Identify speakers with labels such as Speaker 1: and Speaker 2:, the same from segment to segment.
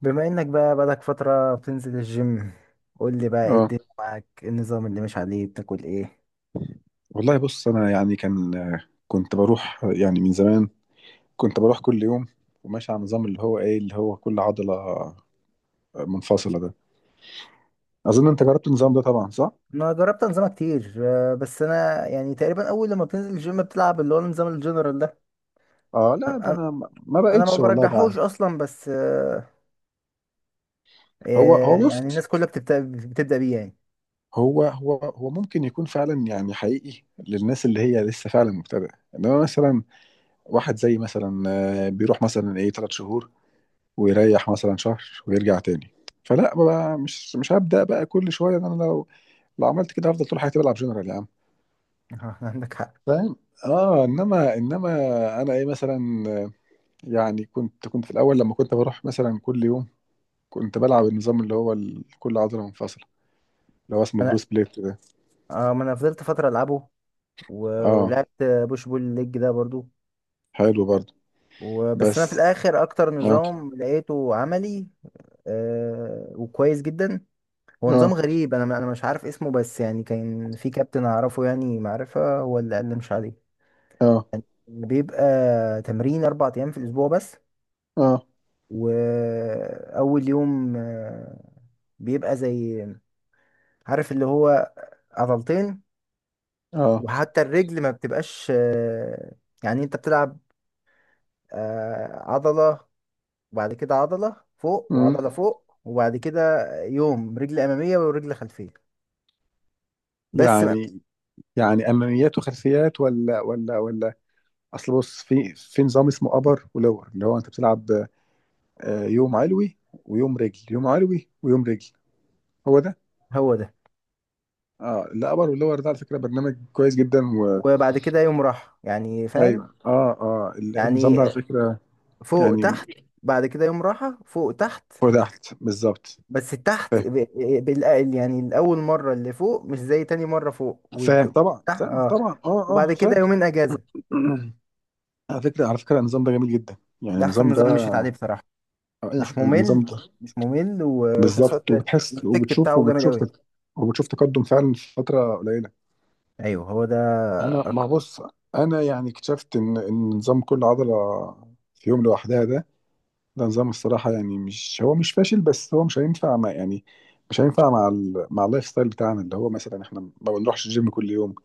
Speaker 1: بما انك بقى بقالك فترة بتنزل الجيم، قول لي بقى ايه
Speaker 2: اه،
Speaker 1: الدنيا معاك؟ إيه النظام اللي ماشي عليه؟ بتاكل ايه؟
Speaker 2: والله بص، انا يعني كنت بروح يعني من زمان، كنت بروح كل يوم، وماشي على النظام اللي هو كل عضلة منفصلة ده. اظن انت جربت النظام ده طبعا، صح؟
Speaker 1: انا جربت انظمة كتير، بس انا يعني تقريبا اول لما بتنزل الجيم بتلعب اللي هو النظام الجنرال ده.
Speaker 2: اه لا، ده
Speaker 1: انا
Speaker 2: انا ما
Speaker 1: أنا ما
Speaker 2: بقتش والله
Speaker 1: برجحوش
Speaker 2: بقى.
Speaker 1: اصلا، بس
Speaker 2: هو هو بص،
Speaker 1: يعني الناس كلها بتبدأ بيه يعني.
Speaker 2: هو ممكن يكون فعلا يعني حقيقي للناس اللي هي لسه فعلا مبتدئة، انما مثلا واحد زي مثلا بيروح مثلا ثلاث شهور، ويريح مثلا شهر ويرجع تاني. فلا بقى، مش هبدأ بقى كل شوية ده. انا لو عملت كده هفضل طول حياتي بلعب جنرال يا عم،
Speaker 1: عندك حق.
Speaker 2: فاهم؟ اه، انما انا مثلا، آه، يعني كنت في الاول لما كنت بروح مثلا كل يوم كنت بلعب النظام اللي هو كل عضله منفصله، اللي هو
Speaker 1: ما
Speaker 2: اسمه
Speaker 1: انا
Speaker 2: بروس بليت ده.
Speaker 1: ما انا فضلت فترة العبه
Speaker 2: اه،
Speaker 1: ولعبت بوش بول ليج ده برضو.
Speaker 2: حلو برضه.
Speaker 1: وبس انا في
Speaker 2: بس
Speaker 1: الاخر اكتر
Speaker 2: اه،
Speaker 1: نظام لقيته عملي وكويس جدا. هو نظام
Speaker 2: اه،
Speaker 1: غريب، انا مش عارف اسمه، بس يعني كان في كابتن اعرفه يعني معرفة، هو اللي قال لي مش عليه.
Speaker 2: اه،
Speaker 1: بيبقى تمرين 4 ايام في الاسبوع بس.
Speaker 2: اه،
Speaker 1: واول يوم بيبقى زي، عارف اللي هو عضلتين.
Speaker 2: اه.
Speaker 1: وحتى الرجل ما بتبقاش، يعني انت بتلعب عضلة، وبعد كده عضلة فوق
Speaker 2: مم.
Speaker 1: وعضلة فوق، وبعد كده يوم رجل امامية ورجل خلفية. بس ما-
Speaker 2: يعني يعني اماميات وخلفيات، ولا ولا ولا؟ اصل بص، في نظام اسمه ابر ولور اللي هو انت بتلعب يوم علوي ويوم رجل، يوم علوي ويوم رجل. هو ده.
Speaker 1: هو ده.
Speaker 2: اه، الابر واللور ده على فكره برنامج كويس جدا
Speaker 1: وبعد كده يوم راحة يعني، فاهم؟
Speaker 2: ايوه، اه اه. النظام ده على
Speaker 1: يعني
Speaker 2: فكره
Speaker 1: فوق
Speaker 2: يعني
Speaker 1: تحت، بعد كده يوم راحة، فوق تحت.
Speaker 2: فوق تحت بالظبط.
Speaker 1: بس التحت
Speaker 2: فاهم،
Speaker 1: بالأقل يعني، الأول مرة اللي فوق مش زي تاني مرة فوق
Speaker 2: فاهم
Speaker 1: والتحت.
Speaker 2: طبعا، فاهم
Speaker 1: اه،
Speaker 2: طبعا، اه
Speaker 1: وبعد
Speaker 2: اه
Speaker 1: كده
Speaker 2: فاهم.
Speaker 1: يومين أجازة.
Speaker 2: على فكره النظام ده جميل جدا، يعني
Speaker 1: ده أحسن
Speaker 2: النظام
Speaker 1: نظام مشيت
Speaker 2: ده،
Speaker 1: عليه بصراحة.
Speaker 2: اي
Speaker 1: مش
Speaker 2: حد، النظام
Speaker 1: ممل،
Speaker 2: ده
Speaker 1: مش ممل، وفي نفس
Speaker 2: بالظبط.
Speaker 1: الوقت
Speaker 2: وبتحس
Speaker 1: الإفكت
Speaker 2: وبتشوف
Speaker 1: بتاعه جامد
Speaker 2: وبتشوف
Speaker 1: أوي.
Speaker 2: وبتشوف تقدم فعلا في فتره قليله.
Speaker 1: أيوه، هو ده.
Speaker 2: انا ما بص، انا يعني اكتشفت ان نظام كل عضله في يوم لوحدها ده، ده نظام، الصراحة يعني، مش هو مش فاشل، بس هو مش هينفع مع، مع اللايف ستايل بتاعنا، اللي هو مثلا احنا ما بنروحش الجيم كل يوم،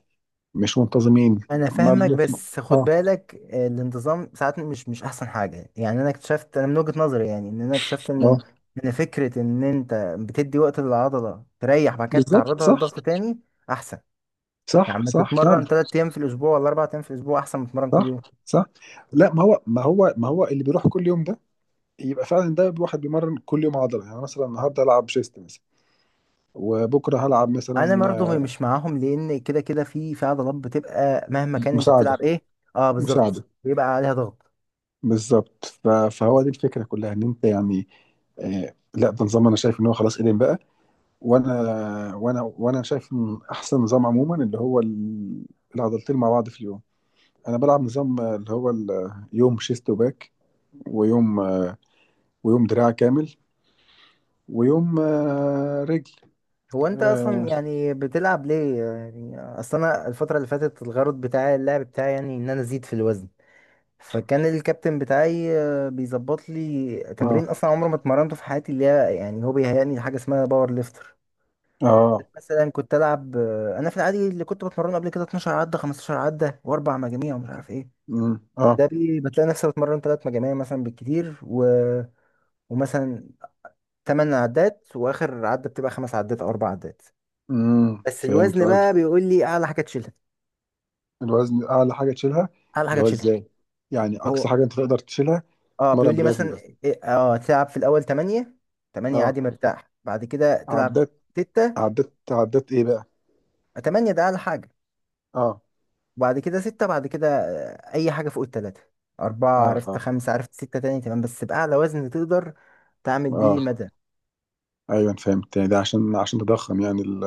Speaker 2: مش منتظمين.
Speaker 1: انا
Speaker 2: ما
Speaker 1: فاهمك،
Speaker 2: بن...
Speaker 1: بس خد
Speaker 2: اه،
Speaker 1: بالك، الانتظام ساعات مش احسن حاجه. يعني انا اكتشفت، انا من وجهه نظري يعني، ان انا اكتشفت ان
Speaker 2: اه،
Speaker 1: ان فكره ان انت بتدي وقت للعضله تريح بعد كده
Speaker 2: بالظبط
Speaker 1: تعرضها
Speaker 2: صح.
Speaker 1: لضغط تاني احسن. يعني
Speaker 2: صح
Speaker 1: ما
Speaker 2: صح فعلا،
Speaker 1: تتمرن 3 ايام في الاسبوع ولا 4 ايام في الاسبوع احسن ما تتمرن كل
Speaker 2: صح
Speaker 1: يوم.
Speaker 2: صح. لا ما هو اللي بيروح كل يوم ده يبقى فعلا ده واحد بيمرن كل يوم عضلة، يعني مثلا النهارده هلعب شيست مثلا، وبكره هلعب مثلا.
Speaker 1: انا برضه مش معاهم، لان كده كده في عضلات بتبقى مهما كان انت بتلعب
Speaker 2: مساعدة.
Speaker 1: ايه. اه بالظبط،
Speaker 2: مساعدة
Speaker 1: بيبقى عليها ضغط.
Speaker 2: بالظبط. فهو دي الفكرة كلها، ان انت يعني، لا ده نظام انا شايف ان هو خلاص قديم بقى، وانا شايف ان احسن نظام عموما اللي هو العضلتين مع بعض في اليوم. انا بلعب نظام اللي هو يوم شيست وباك، ويوم آه، ويوم دراع كامل، ويوم رجل.
Speaker 1: هو انت اصلا
Speaker 2: اه
Speaker 1: يعني بتلعب ليه؟ يعني اصل انا الفتره اللي فاتت الغرض بتاعي، اللعب بتاعي يعني ان انا ازيد في الوزن. فكان الكابتن بتاعي بيظبط لي تمرين
Speaker 2: اه
Speaker 1: اصلا عمري ما اتمرنته في حياتي، اللي هي يعني هو بيهيئني لحاجه اسمها باور ليفتر.
Speaker 2: اه،
Speaker 1: مثلا كنت العب، انا في العادي اللي كنت بتمرنه قبل كده 12 عده 15 عده واربع مجاميع ومش عارف ايه.
Speaker 2: مم، اه،
Speaker 1: ده بتلاقي نفسي بتمرن ثلاث مجاميع مثلا بالكتير، ومثلا 8 عدات واخر عده بتبقى 5 عدات او 4 عدات.
Speaker 2: مم،
Speaker 1: بس
Speaker 2: فهمت
Speaker 1: الوزن بقى
Speaker 2: قصدك.
Speaker 1: بيقول لي اعلى حاجه تشيلها.
Speaker 2: الوزن اعلى حاجه تشيلها.
Speaker 1: اعلى حاجه
Speaker 2: اللي هو
Speaker 1: تشيلها.
Speaker 2: ازاي؟ يعني
Speaker 1: هو
Speaker 2: اقصى حاجه انت تقدر تشيلها.
Speaker 1: اه، بيقول
Speaker 2: تتمرن
Speaker 1: لي
Speaker 2: بالوزن
Speaker 1: مثلا
Speaker 2: ده؟
Speaker 1: تلعب في الاول 8. 8
Speaker 2: اه،
Speaker 1: عادي مرتاح، بعد كده تلعب
Speaker 2: عدات،
Speaker 1: 6.
Speaker 2: عدات، عدات ايه بقى.
Speaker 1: 8 ده اعلى حاجه،
Speaker 2: اه
Speaker 1: وبعد كده 6، بعد كده اي حاجه فوق الثلاثه، 4
Speaker 2: اه
Speaker 1: عرفت
Speaker 2: اه
Speaker 1: 5 عرفت 6 تاني تمام، بس باعلى وزن تقدر تعمل بيه
Speaker 2: اه،
Speaker 1: مدى.
Speaker 2: ايوه أنا فهمت، يعني ده عشان تضخم يعني ال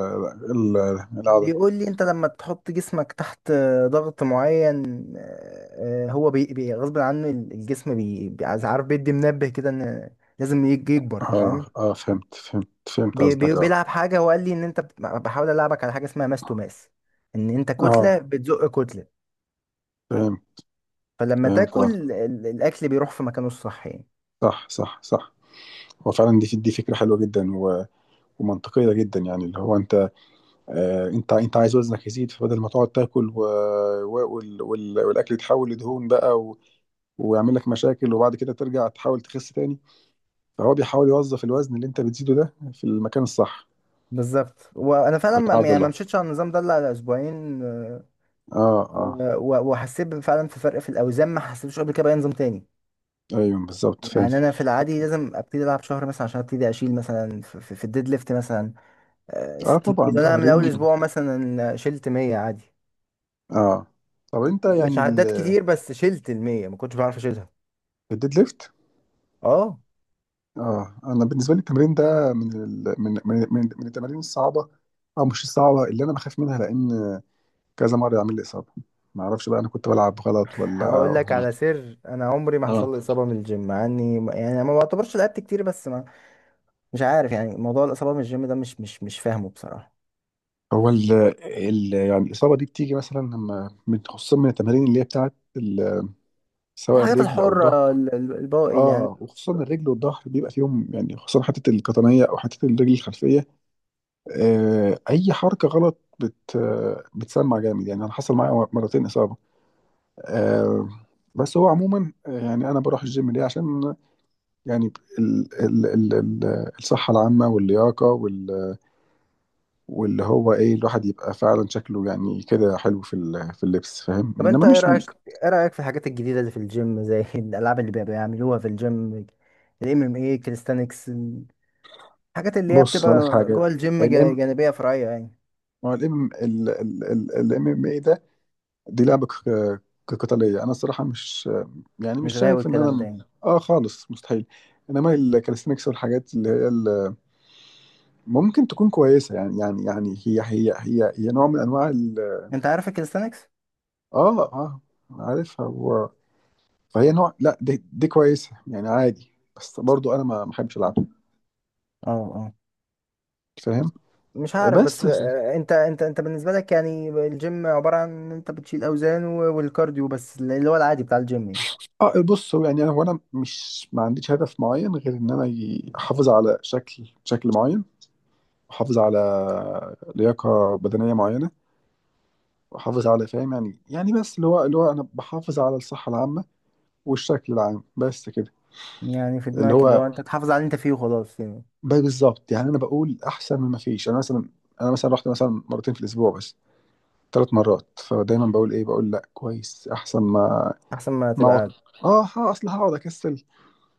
Speaker 2: ال العدد.
Speaker 1: بيقول لي انت لما تحط جسمك تحت ضغط معين. هو غصب عنه الجسم، عارف، بيدي منبه كده ان لازم يكبر،
Speaker 2: اه
Speaker 1: فاهم؟
Speaker 2: اه، فهمت فهمت فهمت
Speaker 1: بي بي
Speaker 2: قصدك، اه
Speaker 1: بيلعب حاجة. هو قال لي ان انت بحاول العبك على حاجة اسمها ماس تو ماس. ان انت
Speaker 2: اه
Speaker 1: كتلة بتزق كتلة.
Speaker 2: فهمت
Speaker 1: فلما
Speaker 2: فهمت، اه،
Speaker 1: تاكل الاكل بيروح في مكانه الصح يعني.
Speaker 2: صح صح صح. هو فعلا دي فكره حلوه جدا ومنطقيه جدا. يعني اللي هو انت، انت عايز وزنك يزيد، فبدل ما تقعد تاكل والاكل يتحول لدهون بقى ويعمل لك مشاكل، وبعد كده ترجع تحاول تخس تاني. فهو بيحاول يوظف الوزن اللي انت بتزيده ده في المكان الصح.
Speaker 1: بالظبط. وانا فعلا ما
Speaker 2: العضله.
Speaker 1: مشيتش على النظام ده الا على اسبوعين،
Speaker 2: اه اه،
Speaker 1: وحسيت فعلا في فرق في الاوزان ما حسيتوش قبل كده باي نظام تاني.
Speaker 2: ايوه بالظبط، فاهم.
Speaker 1: يعني انا في العادي لازم ابتدي العب شهر مثلا عشان ابتدي اشيل مثلا في الديد ليفت مثلا
Speaker 2: اه
Speaker 1: 60
Speaker 2: طبعا،
Speaker 1: كيلو. انا من
Speaker 2: تمارين.
Speaker 1: اول اسبوع مثلا شلت 100 عادي.
Speaker 2: اه طب انت
Speaker 1: مش
Speaker 2: يعني
Speaker 1: عدات كتير، بس شلت ال 100 ما كنتش بعرف اشيلها.
Speaker 2: الديد ليفت.
Speaker 1: اه
Speaker 2: اه، انا بالنسبه لي التمرين ده من ال... من من من من التمارين الصعبه، او مش الصعبه، اللي انا بخاف منها، لان كذا مره يعمل لي اصابه. ما اعرفش بقى، انا كنت بلعب غلط ولا
Speaker 1: هقول لك على سر، انا عمري ما
Speaker 2: اه
Speaker 1: حصل لي اصابه من الجيم، مع اني يعني ما بعتبرش لعبت كتير، بس ما. مش عارف، يعني موضوع الاصابه من الجيم ده مش فاهمه بصراحه.
Speaker 2: هو يعني الاصابه دي بتيجي مثلا لما، خصوصا من التمارين اللي هي بتاعت سواء
Speaker 1: الحاجات
Speaker 2: الرجل او الظهر.
Speaker 1: الحره، الباقي اللي يعني.
Speaker 2: اه، وخصوصا الرجل والظهر بيبقى فيهم، يعني خصوصا حته القطنيه او حته الرجل الخلفيه، اي حركه غلط بت آه، بتسمع جامد. يعني انا حصل معايا مرتين اصابه، آه، بس هو عموما يعني انا بروح الجيم ليه؟ عشان يعني ال الصحه العامه واللياقه، واللي هو الواحد يبقى فعلا شكله يعني كده حلو في في اللبس، فاهم،
Speaker 1: طب انت
Speaker 2: انما
Speaker 1: ايه
Speaker 2: مش
Speaker 1: رايك؟ ايه رايك في الحاجات الجديده اللي في الجيم زي الالعاب اللي بيعملوها في الجيم. الام ام اي، كاليستانكس. الحاجات اللي هي
Speaker 2: بص هقول لك
Speaker 1: بتبقى جوه
Speaker 2: حاجه.
Speaker 1: الجيم
Speaker 2: الام
Speaker 1: جانبيه فرعيه يعني.
Speaker 2: هو الام الام ام اي ده، دي لعبه قتاليه. انا الصراحه مش، يعني مش
Speaker 1: مش غاوي
Speaker 2: شايف ان
Speaker 1: الكلام ده
Speaker 2: انا،
Speaker 1: يعني.
Speaker 2: اه، خالص، مستحيل. انما الكاليستنكس والحاجات اللي هي ممكن تكون كويسه يعني هي نوع من انواع
Speaker 1: انت عارف الكاليستانكس؟
Speaker 2: اه اه، عارفها، هو. فهي نوع، لا دي كويسه يعني، عادي. بس برضو انا ما بحبش العبها،
Speaker 1: اه
Speaker 2: فاهم.
Speaker 1: مش عارف، بس
Speaker 2: بس
Speaker 1: انت بالنسبه لك يعني الجيم عباره عن ان انت بتشيل اوزان والكارديو بس اللي هو العادي بتاع الجيم يعني.
Speaker 2: اه بص، هو يعني انا هو انا مش ما عنديش هدف معين، غير ان انا احافظ على شكل معين. احافظ على لياقه بدنيه معينه، بحافظ على، فاهم يعني بس اللي هو انا بحافظ على الصحه العامه والشكل العام بس كده.
Speaker 1: يعني في
Speaker 2: اللي
Speaker 1: دماغك اللي
Speaker 2: هو
Speaker 1: هو انت اه تحافظ على اللي انت فيه وخلاص يعني.
Speaker 2: بقى بالظبط، يعني انا بقول احسن من ما فيش. انا مثلا رحت مثلا مرتين في الاسبوع، بس، ثلاث مرات، فدايما بقول بقول لا، كويس، احسن ما
Speaker 1: احسن ما
Speaker 2: ما
Speaker 1: تبقى
Speaker 2: اقعد.
Speaker 1: قاعد.
Speaker 2: اه ها، اصل هقعد اكسل.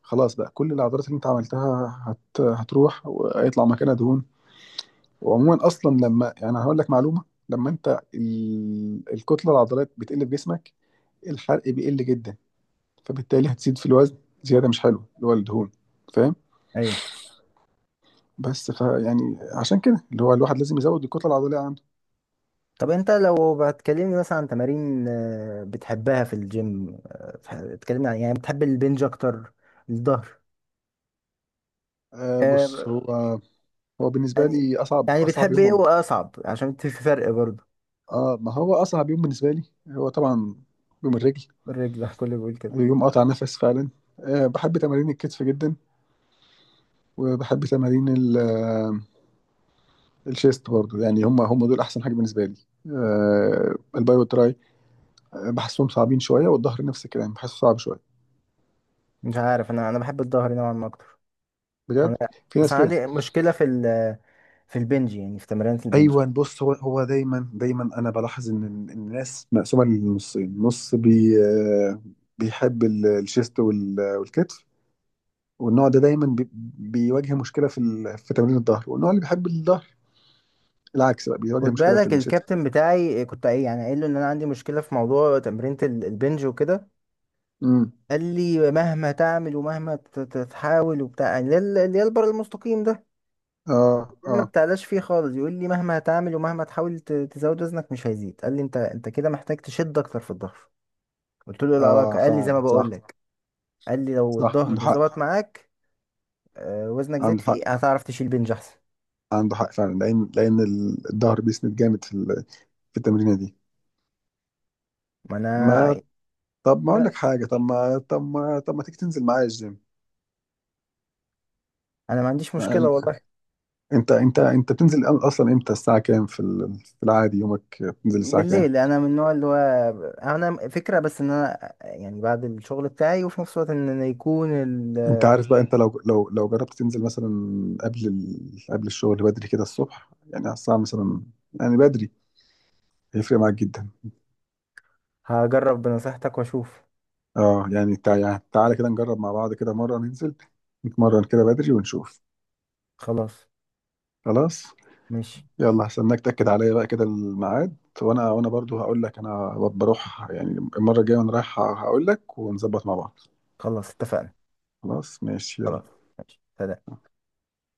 Speaker 2: خلاص بقى، كل العضلات اللي انت عملتها هتروح وهيطلع مكانها دهون. وعموما اصلا لما يعني، هقول لك معلومه، لما انت الكتله العضلات بتقل في جسمك، الحرق بيقل جدا، فبالتالي هتزيد في الوزن زياده مش حلوه، اللي هو الدهون، فاهم.
Speaker 1: ايوه.
Speaker 2: بس يعني عشان كده اللي هو الواحد لازم يزود الكتله العضليه عنده.
Speaker 1: طب انت لو بتكلمني مثلا عن تمارين بتحبها في الجيم، بتكلمني عن يعني بتحب البنج اكتر؟ الظهر؟
Speaker 2: بص،
Speaker 1: آه،
Speaker 2: هو بالنسبه
Speaker 1: يعني
Speaker 2: لي اصعب
Speaker 1: يعني
Speaker 2: اصعب
Speaker 1: بتحب
Speaker 2: يوم
Speaker 1: ايه واصعب؟ عشان في فرق برضه.
Speaker 2: ما هو اصعب يوم بالنسبه لي هو طبعا يوم الرجل.
Speaker 1: الرجل. كله بيقول كده.
Speaker 2: يوم قطع نفس فعلا. بحب تمارين الكتف جدا، وبحب تمارين الشيست برضو، يعني هم دول احسن حاجه بالنسبه لي. الباي والتراي بحسهم صعبين شويه، والظهر نفس الكلام بحسه صعب شويه.
Speaker 1: مش عارف، انا بحب الظهر نوعا ما اكتر. انا
Speaker 2: بجد؟ في
Speaker 1: بس
Speaker 2: ناس
Speaker 1: أنا
Speaker 2: كده.
Speaker 1: عندي مشكله في ال في البنج يعني، في تمرينة البنج.
Speaker 2: ايوه، بص، هو دايما انا بلاحظ إن الناس مقسومه لنصين. نص بي آه، بيحب الشيست والكتف، والنوع ده دايما بيواجه مشكله في في تمرين الظهر، والنوع اللي بيحب الظهر العكس بقى، بيواجه
Speaker 1: خد
Speaker 2: مشكله في
Speaker 1: بالك،
Speaker 2: الشيست.
Speaker 1: الكابتن بتاعي كنت ايه يعني قايل له ان انا عندي مشكله في موضوع تمرينة البنج وكده.
Speaker 2: امم،
Speaker 1: قال لي مهما تعمل ومهما تحاول وبتاع يعني اللي هي اللي هي البر المستقيم ده،
Speaker 2: اه
Speaker 1: اللي
Speaker 2: اه
Speaker 1: انا ما بتعلاش فيه خالص. يقول لي مهما تعمل ومهما تحاول تزود وزنك مش هيزيد. قال لي انت كده محتاج تشد اكتر في الظهر. قلت له إيه
Speaker 2: اه،
Speaker 1: العلاقه؟ قال لي زي ما
Speaker 2: فعلا
Speaker 1: بقول
Speaker 2: صح.
Speaker 1: لك. قال لي لو
Speaker 2: صح، عنده
Speaker 1: الظهر
Speaker 2: حق،
Speaker 1: ظبط معاك وزنك زاد
Speaker 2: عنده حق،
Speaker 1: فيه هتعرف تشيل بنج احسن.
Speaker 2: عنده حق فعلا، لان الظهر بيسند جامد في في التمرينه دي.
Speaker 1: ما انا
Speaker 2: ما طب ما اقول لك حاجه، طب ما تيجي تنزل معايا
Speaker 1: انا ما عنديش مشكله
Speaker 2: الجيم؟
Speaker 1: والله.
Speaker 2: انت بتنزل اصلا امتى؟ الساعه كام في في العادي يومك بتنزل الساعه كام؟
Speaker 1: بالليل، انا من النوع اللي هو انا فكره، بس ان انا يعني بعد الشغل بتاعي، وفي نفس الوقت ان أنا يكون
Speaker 2: انت عارف بقى، انت لو جربت تنزل مثلا قبل قبل الشغل بدري كده الصبح، يعني على الساعه مثلا، يعني بدري، هيفرق معاك جدا.
Speaker 1: هجرب بنصيحتك واشوف.
Speaker 2: اه يعني تعالى كده نجرب مع بعض كده مره، ننزل نتمرن كده بدري ونشوف.
Speaker 1: خلاص،
Speaker 2: خلاص.
Speaker 1: ماشي.
Speaker 2: يلا هستناك تاكد عليا بقى كده الميعاد، وانا برضو هقول لك، انا بروح يعني المره الجايه وانا رايح هقول لك، ونظبط مع بعض.
Speaker 1: خلاص، اتفقنا.
Speaker 2: خلاص ماشي،
Speaker 1: خلاص،
Speaker 2: يلا.
Speaker 1: ماشي، سلام.